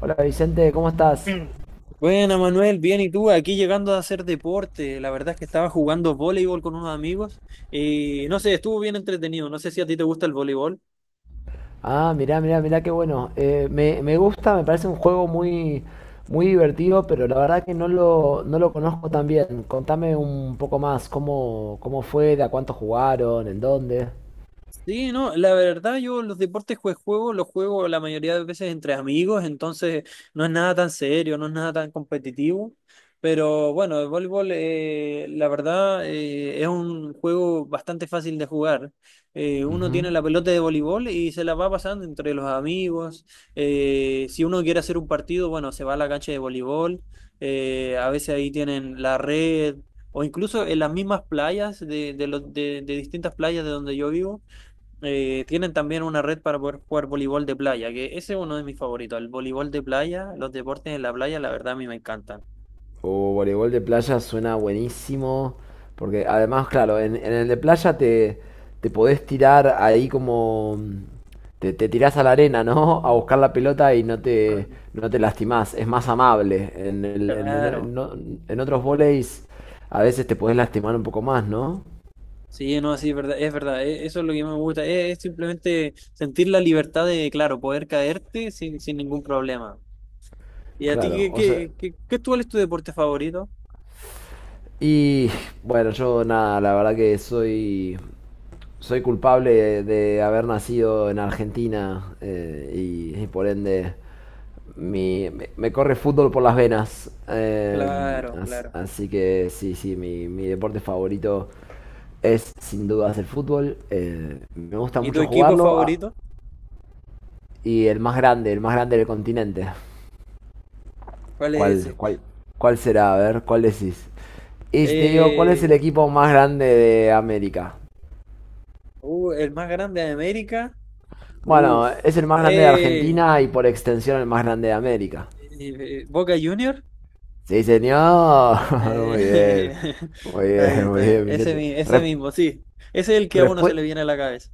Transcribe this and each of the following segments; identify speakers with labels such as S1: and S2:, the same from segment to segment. S1: Hola Vicente, ¿cómo estás?
S2: Bueno, Manuel, bien, ¿y tú? Aquí llegando a hacer deporte. La verdad es que estaba jugando voleibol con unos amigos y no sé, estuvo bien entretenido. No sé si a ti te gusta el voleibol.
S1: Ah, mirá, mirá, mirá, qué bueno. Me gusta, me parece un juego muy, muy divertido, pero la verdad que no lo conozco tan bien. Contame un poco más, cómo, cómo fue, de a cuánto jugaron, en dónde.
S2: Sí, no, la verdad yo los deportes que juego, los juego la mayoría de veces entre amigos, entonces no es nada tan serio, no es nada tan competitivo, pero bueno, el voleibol la verdad es un juego bastante fácil de jugar. Uno
S1: Ujú.
S2: tiene la pelota de voleibol y se la va pasando entre los amigos. Si uno quiere hacer un partido, bueno, se va a la cancha de voleibol, a veces ahí tienen la red. O incluso en las mismas playas de distintas playas de donde yo vivo, tienen también una red para poder jugar voleibol de playa, que ese es uno de mis favoritos. El voleibol de playa, los deportes en la playa, la verdad a mí me encantan.
S1: O voleibol de playa suena buenísimo, porque además, claro, en el de playa te, te podés tirar ahí. Te, te tirás a la arena, ¿no? A buscar la pelota y
S2: Ah,
S1: no te lastimás, es más amable. En, el-
S2: claro,
S1: en o- en otros voleis a veces te podés lastimar un poco más, ¿no?
S2: sí, no, sí, es verdad, eso es lo que me gusta, es, simplemente sentir la libertad de, claro, poder caerte sin ningún problema. ¿Y a ti
S1: Claro, o sea...
S2: cuál es tu deporte favorito?
S1: Y bueno, yo nada, la verdad que soy culpable de haber nacido en Argentina y por ende me corre fútbol por las venas.
S2: Claro, claro.
S1: Así que sí, sí, mi deporte favorito es sin dudas el fútbol. Me gusta
S2: ¿Y tu
S1: mucho
S2: equipo
S1: jugarlo
S2: favorito?
S1: y el más grande del continente.
S2: ¿Cuál es
S1: ¿Cuál,
S2: ese?
S1: cuál, cuál será? A ver, ¿cuál decís? Y te digo, ¿cuál es el
S2: Eh,
S1: equipo más grande de América?
S2: el más grande de América.
S1: Bueno,
S2: Uf.
S1: es el más grande de
S2: Eh,
S1: Argentina y por extensión el más grande de América.
S2: Boca Junior.
S1: Sí, señor.
S2: Eh,
S1: Muy bien. Muy
S2: Está bien,
S1: bien,
S2: está
S1: muy
S2: bien.
S1: bien,
S2: Ese,
S1: Vicente.
S2: ese mismo, sí. Ese es el que a uno se
S1: Respue-
S2: le viene a la cabeza.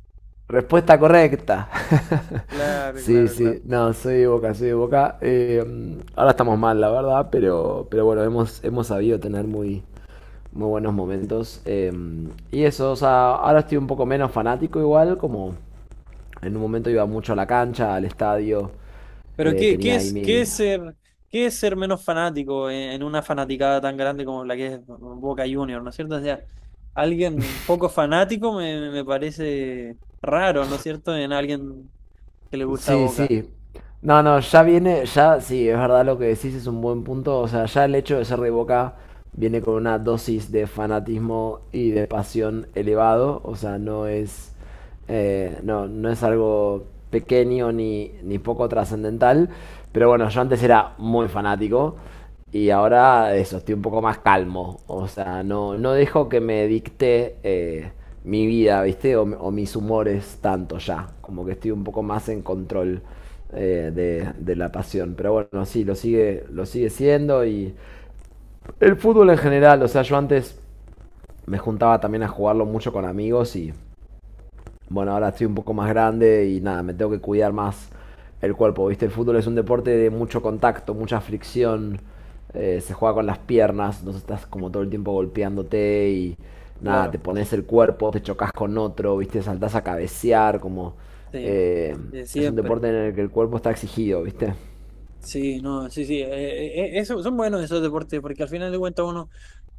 S1: Respuesta correcta.
S2: Claro,
S1: Sí,
S2: claro, claro.
S1: sí. No, soy de Boca, soy de Boca. Ahora estamos mal, la verdad, pero bueno, hemos sabido tener muy, muy buenos momentos. Y eso, o sea, ahora estoy un poco menos fanático igual, como en un momento iba mucho a la cancha, al estadio,
S2: Pero,
S1: tenía ahí mi,
S2: ¿qué es ser menos fanático en una fanaticada tan grande como la que es Boca Juniors? ¿No es cierto? O sea, alguien poco fanático me parece raro, ¿no es cierto? En alguien que le gusta
S1: sí,
S2: Boca.
S1: sí. No, no, ya viene, ya sí, es verdad lo que decís, es un buen punto. O sea, ya el hecho de ser de Boca viene con una dosis de fanatismo y de pasión elevado. O sea, no, no es algo pequeño ni, ni poco trascendental. Pero bueno, yo antes era muy fanático. Y ahora eso, estoy un poco más calmo. O sea, no, no dejo que me dicte mi vida, ¿viste? O mis humores tanto ya. Como que estoy un poco más en control de la pasión. Pero bueno, sí, lo sigue siendo. Y el fútbol en general, o sea, yo antes me juntaba también a jugarlo mucho con amigos y bueno, ahora estoy un poco más grande y nada, me tengo que cuidar más el cuerpo, ¿viste? El fútbol es un deporte de mucho contacto, mucha fricción, se juega con las piernas, entonces estás como todo el tiempo golpeándote y nada,
S2: Claro,
S1: te pones el cuerpo, te chocas con otro, ¿viste? Saltás a cabecear, como...
S2: sí,
S1: eh,
S2: de
S1: es un
S2: siempre.
S1: deporte en el que el cuerpo está exigido, ¿viste?
S2: Sí, no, sí, sí. Eso, son buenos esos deportes porque al final de cuentas uno,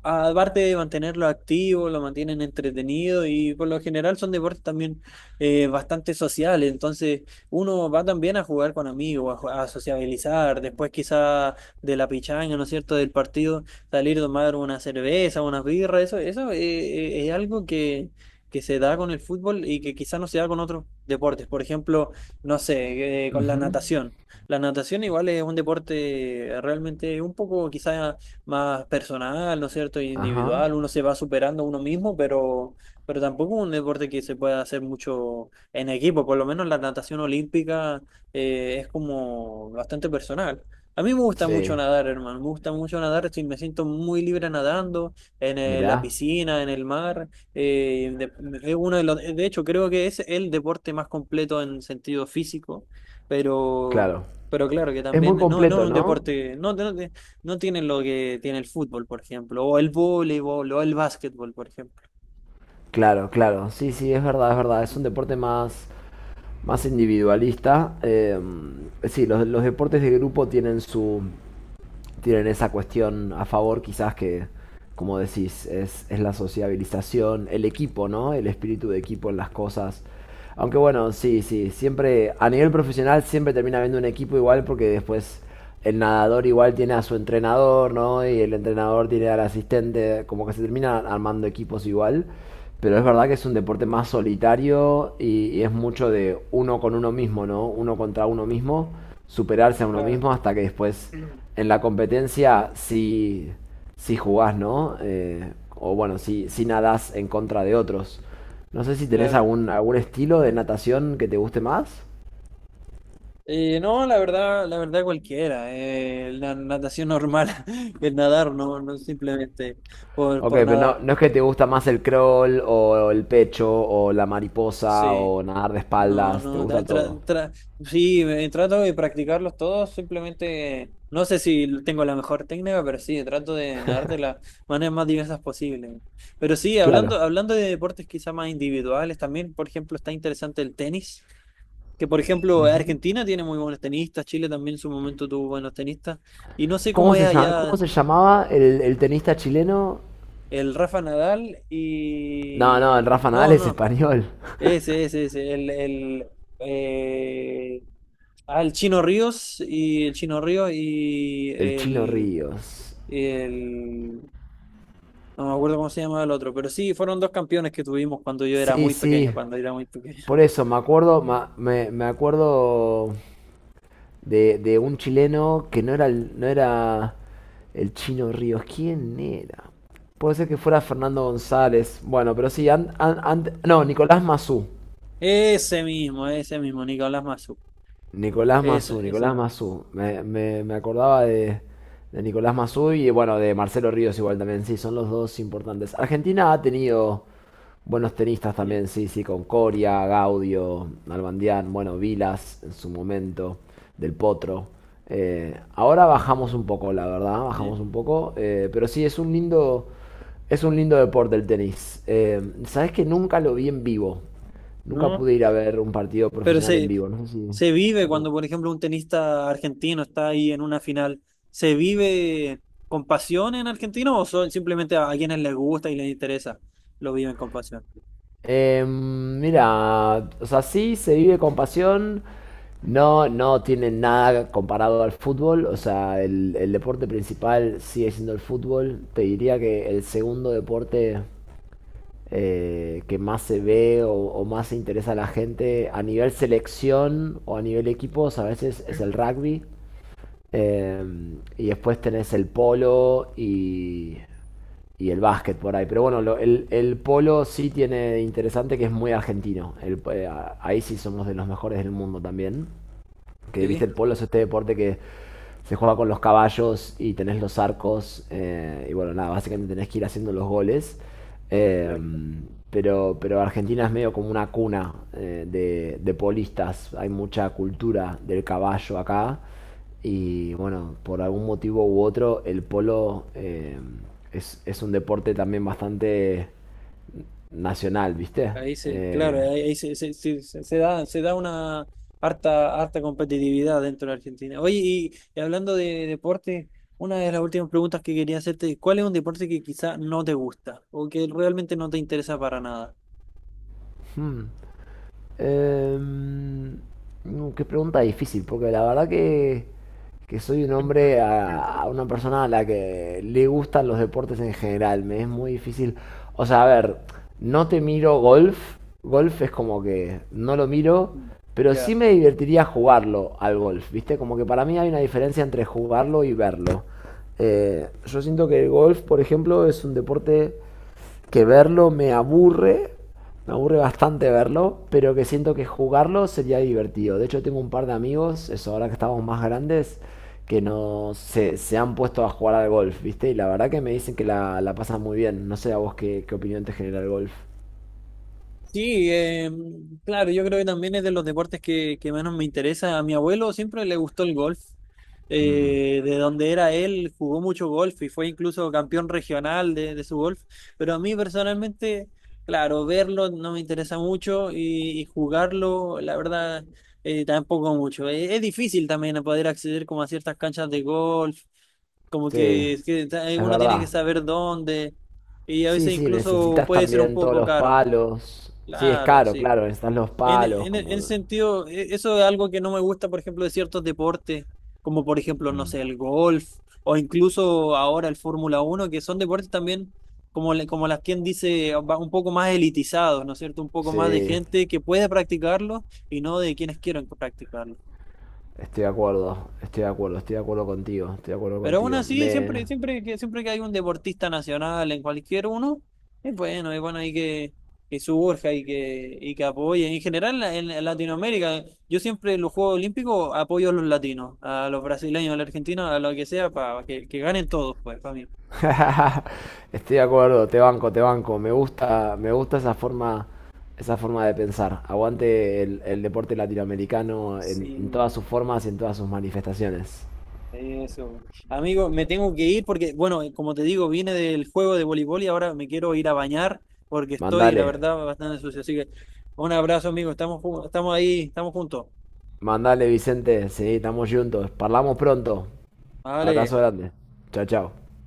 S2: aparte de mantenerlo activo, lo mantienen entretenido y por lo general son deportes también, bastante sociales. Entonces uno va también a jugar con amigos, a sociabilizar. Después quizá de la pichanga, ¿no es cierto?, del partido, salir a tomar una cerveza, unas birras. Eso es algo que se da con el fútbol y que quizá no se da con otros deportes. Por ejemplo, no sé, con la
S1: Ujú.
S2: natación. La natación igual es un deporte realmente un poco quizá más personal, ¿no es cierto? Y
S1: Ajá.
S2: individual, uno se va superando a uno mismo, pero tampoco es un deporte que se pueda hacer mucho en equipo, por lo menos la natación olímpica es como bastante personal. A mí me gusta mucho
S1: Sí,
S2: nadar, hermano, me gusta mucho nadar, me siento muy libre nadando en la
S1: mirá,
S2: piscina, en el mar. De, es uno de, los, De hecho, creo que es el deporte más completo en sentido físico, pero...
S1: claro.
S2: Pero claro que
S1: Es
S2: también,
S1: muy
S2: no, no es
S1: completo,
S2: un
S1: ¿no?
S2: deporte, no, no, no tienen lo que tiene el fútbol, por ejemplo, o el voleibol, o el básquetbol, por ejemplo.
S1: Claro, claro. Sí, sí, es verdad, es verdad. Es un deporte más más individualista. Sí, los deportes de grupo tienen su, tienen esa cuestión a favor quizás que, como decís, es la sociabilización, el equipo, ¿no? El espíritu de equipo en las cosas. Aunque bueno, sí, sí, siempre a nivel profesional siempre termina habiendo un equipo igual porque después el nadador igual tiene a su entrenador, ¿no? Y el entrenador tiene al asistente, como que se termina armando equipos igual. Pero es verdad que es un deporte más solitario y es mucho de uno con uno mismo, ¿no? Uno contra uno mismo, superarse a uno
S2: Claro,
S1: mismo hasta que después en la competencia sí, sí jugás, ¿no? O bueno, si sí nadás en contra de otros. No sé si tenés
S2: claro.
S1: algún, algún estilo de natación que te guste más.
S2: No, la verdad cualquiera. La natación normal, el nadar, no, no simplemente por,
S1: Ok,
S2: por
S1: pero no,
S2: nadar.
S1: no es que te gusta más el crawl o el pecho o la mariposa
S2: Sí.
S1: o nadar de
S2: No,
S1: espaldas, te
S2: no,
S1: gusta todo.
S2: sí, trato de practicarlos todos, simplemente no sé si tengo la mejor técnica, pero sí, trato de nadar de las maneras más diversas posibles. Pero sí, hablando,
S1: Claro.
S2: hablando de deportes quizá más individuales, también, por ejemplo, está interesante el tenis, que por ejemplo Argentina tiene muy buenos tenistas, Chile también en su momento tuvo buenos tenistas, y no sé cómo es
S1: Cómo
S2: allá
S1: se llamaba el tenista chileno?
S2: el Rafa Nadal
S1: No, no, el
S2: y...
S1: Rafa Nadal
S2: No,
S1: es
S2: no,
S1: español.
S2: ese, eh, el Chino Ríos y el Chino Ríos y
S1: El Chino
S2: el,
S1: Ríos.
S2: el- no me acuerdo cómo se llama el otro, pero sí, fueron dos campeones que tuvimos cuando yo era
S1: Sí,
S2: muy pequeño,
S1: sí.
S2: cuando era muy
S1: Por
S2: pequeño.
S1: eso, me acuerdo, me acuerdo de un chileno que no era, no era el chino Ríos. ¿Quién era? Puede ser que fuera Fernando González. Bueno, pero sí, no, Nicolás Mazú.
S2: Ese mismo, Nicolás Massú.
S1: Nicolás
S2: Ese,
S1: Mazú, Nicolás
S2: ese,
S1: Mazú. Me acordaba de Nicolás Mazú y bueno, de Marcelo Ríos igual también, sí, son los dos importantes. Argentina ha tenido buenos tenistas
S2: sí,
S1: también, sí, sí, con Coria, Gaudio, Nalbandián, bueno, Vilas en su momento, Del Potro. Ahora bajamos un poco, la verdad,
S2: sí,
S1: bajamos un poco, pero sí, es un lindo deporte el tenis. Sabes que nunca lo vi en vivo. Nunca
S2: ¿no?
S1: pude ir a ver un partido
S2: Pero
S1: profesional en
S2: se,
S1: vivo. No sé si
S2: se vive cuando, por ejemplo, un tenista argentino está ahí en una final, ¿se vive con pasión en Argentina o son simplemente a quienes les gusta y les interesa, lo viven con pasión?
S1: mira, o sea, sí se vive con pasión, no, no tiene nada comparado al fútbol, o sea, el deporte principal sigue siendo el fútbol, te diría que el segundo deporte que más se ve o más se interesa a la gente a nivel selección o a nivel equipos a veces es el rugby. Eh, y después tenés el polo y el básquet por ahí. Pero bueno, el polo sí tiene de interesante que es muy argentino. Ahí sí somos de los mejores del mundo también. Que
S2: Sí.
S1: viste el polo es este deporte que se juega con los caballos y tenés los arcos. Y bueno, nada, básicamente tenés que ir haciendo los goles. Eh,
S2: Claro.
S1: pero Argentina es medio como una cuna de polistas. Hay mucha cultura del caballo acá. Y bueno, por algún motivo u otro, el polo es un deporte también bastante nacional, ¿viste? Eh,
S2: Claro, ahí se da una harta, harta competitividad dentro de Argentina. Oye, y hablando de deporte, una de las últimas preguntas que quería hacerte, ¿cuál es un deporte que quizá no te gusta o que realmente no te interesa para nada?
S1: hmm. Em, Qué pregunta difícil, porque la verdad que soy un
S2: Mm,
S1: hombre, a una
S2: mm,
S1: persona a la que le gustan los deportes en general. Me es muy difícil. O sea, a ver, no te miro golf. Golf es como que no lo miro,
S2: mm.
S1: pero sí
S2: Ya.
S1: me divertiría jugarlo al golf, ¿viste? Como que para mí hay una diferencia entre jugarlo y verlo. Yo siento que el golf, por ejemplo, es un deporte que verlo me aburre bastante verlo, pero que siento que jugarlo sería divertido. De hecho, tengo un par de amigos, eso ahora que estamos más grandes, que no se, se han puesto a jugar al golf, ¿viste? Y la verdad que me dicen que la pasan muy bien. No sé a vos qué, qué opinión te genera el golf.
S2: Sí, claro, yo creo que también es de los deportes que menos me interesa. A mi abuelo siempre le gustó el golf.
S1: Mm.
S2: De donde era él, jugó mucho golf y fue incluso campeón regional de su golf. Pero a mí personalmente, claro, verlo no me interesa mucho y jugarlo, la verdad, tampoco mucho. Es difícil también poder acceder como a ciertas canchas de golf, como
S1: Sí,
S2: que, es que
S1: es
S2: uno tiene que
S1: verdad.
S2: saber dónde, y a
S1: Sí,
S2: veces
S1: sí,
S2: incluso
S1: necesitas
S2: puede ser un
S1: también todos
S2: poco
S1: los
S2: caro.
S1: palos. Sí, es
S2: Claro,
S1: caro,
S2: sí.
S1: claro, necesitas los palos,
S2: En ese
S1: como...
S2: sentido, eso es algo que no me gusta, por ejemplo, de ciertos deportes, como por ejemplo, no
S1: Mm.
S2: sé, el golf o incluso ahora el Fórmula 1, que son deportes también, como, como las quien dice, un poco más elitizados, ¿no es cierto? Un poco más de
S1: Sí.
S2: gente que puede practicarlo y no de quienes quieren practicarlo.
S1: Estoy de acuerdo, estoy de acuerdo, estoy de acuerdo contigo, estoy de acuerdo
S2: Pero aún
S1: contigo.
S2: así,
S1: Me...
S2: siempre que hay un deportista nacional en cualquier uno, es bueno ahí que, surja y que apoye. En general, en Latinoamérica, yo siempre en los Juegos Olímpicos apoyo a los latinos, a los brasileños, a los argentinos, a lo que sea, para que ganen todos, pues, para mí.
S1: Estoy de acuerdo, te banco, te banco. Me gusta esa forma de pensar. Aguante el deporte latinoamericano en
S2: Sí,
S1: todas sus formas y en todas sus manifestaciones.
S2: eso. Amigo, me tengo que ir porque, bueno, como te digo, vine del juego de voleibol y ahora me quiero ir a bañar porque estoy, la
S1: Mandale,
S2: verdad, bastante sucio. Así que un abrazo, amigo. Estamos ahí, estamos juntos.
S1: mandale Vicente, sí, estamos juntos. Parlamos pronto. Abrazo
S2: Vale.
S1: grande. Chao, chao.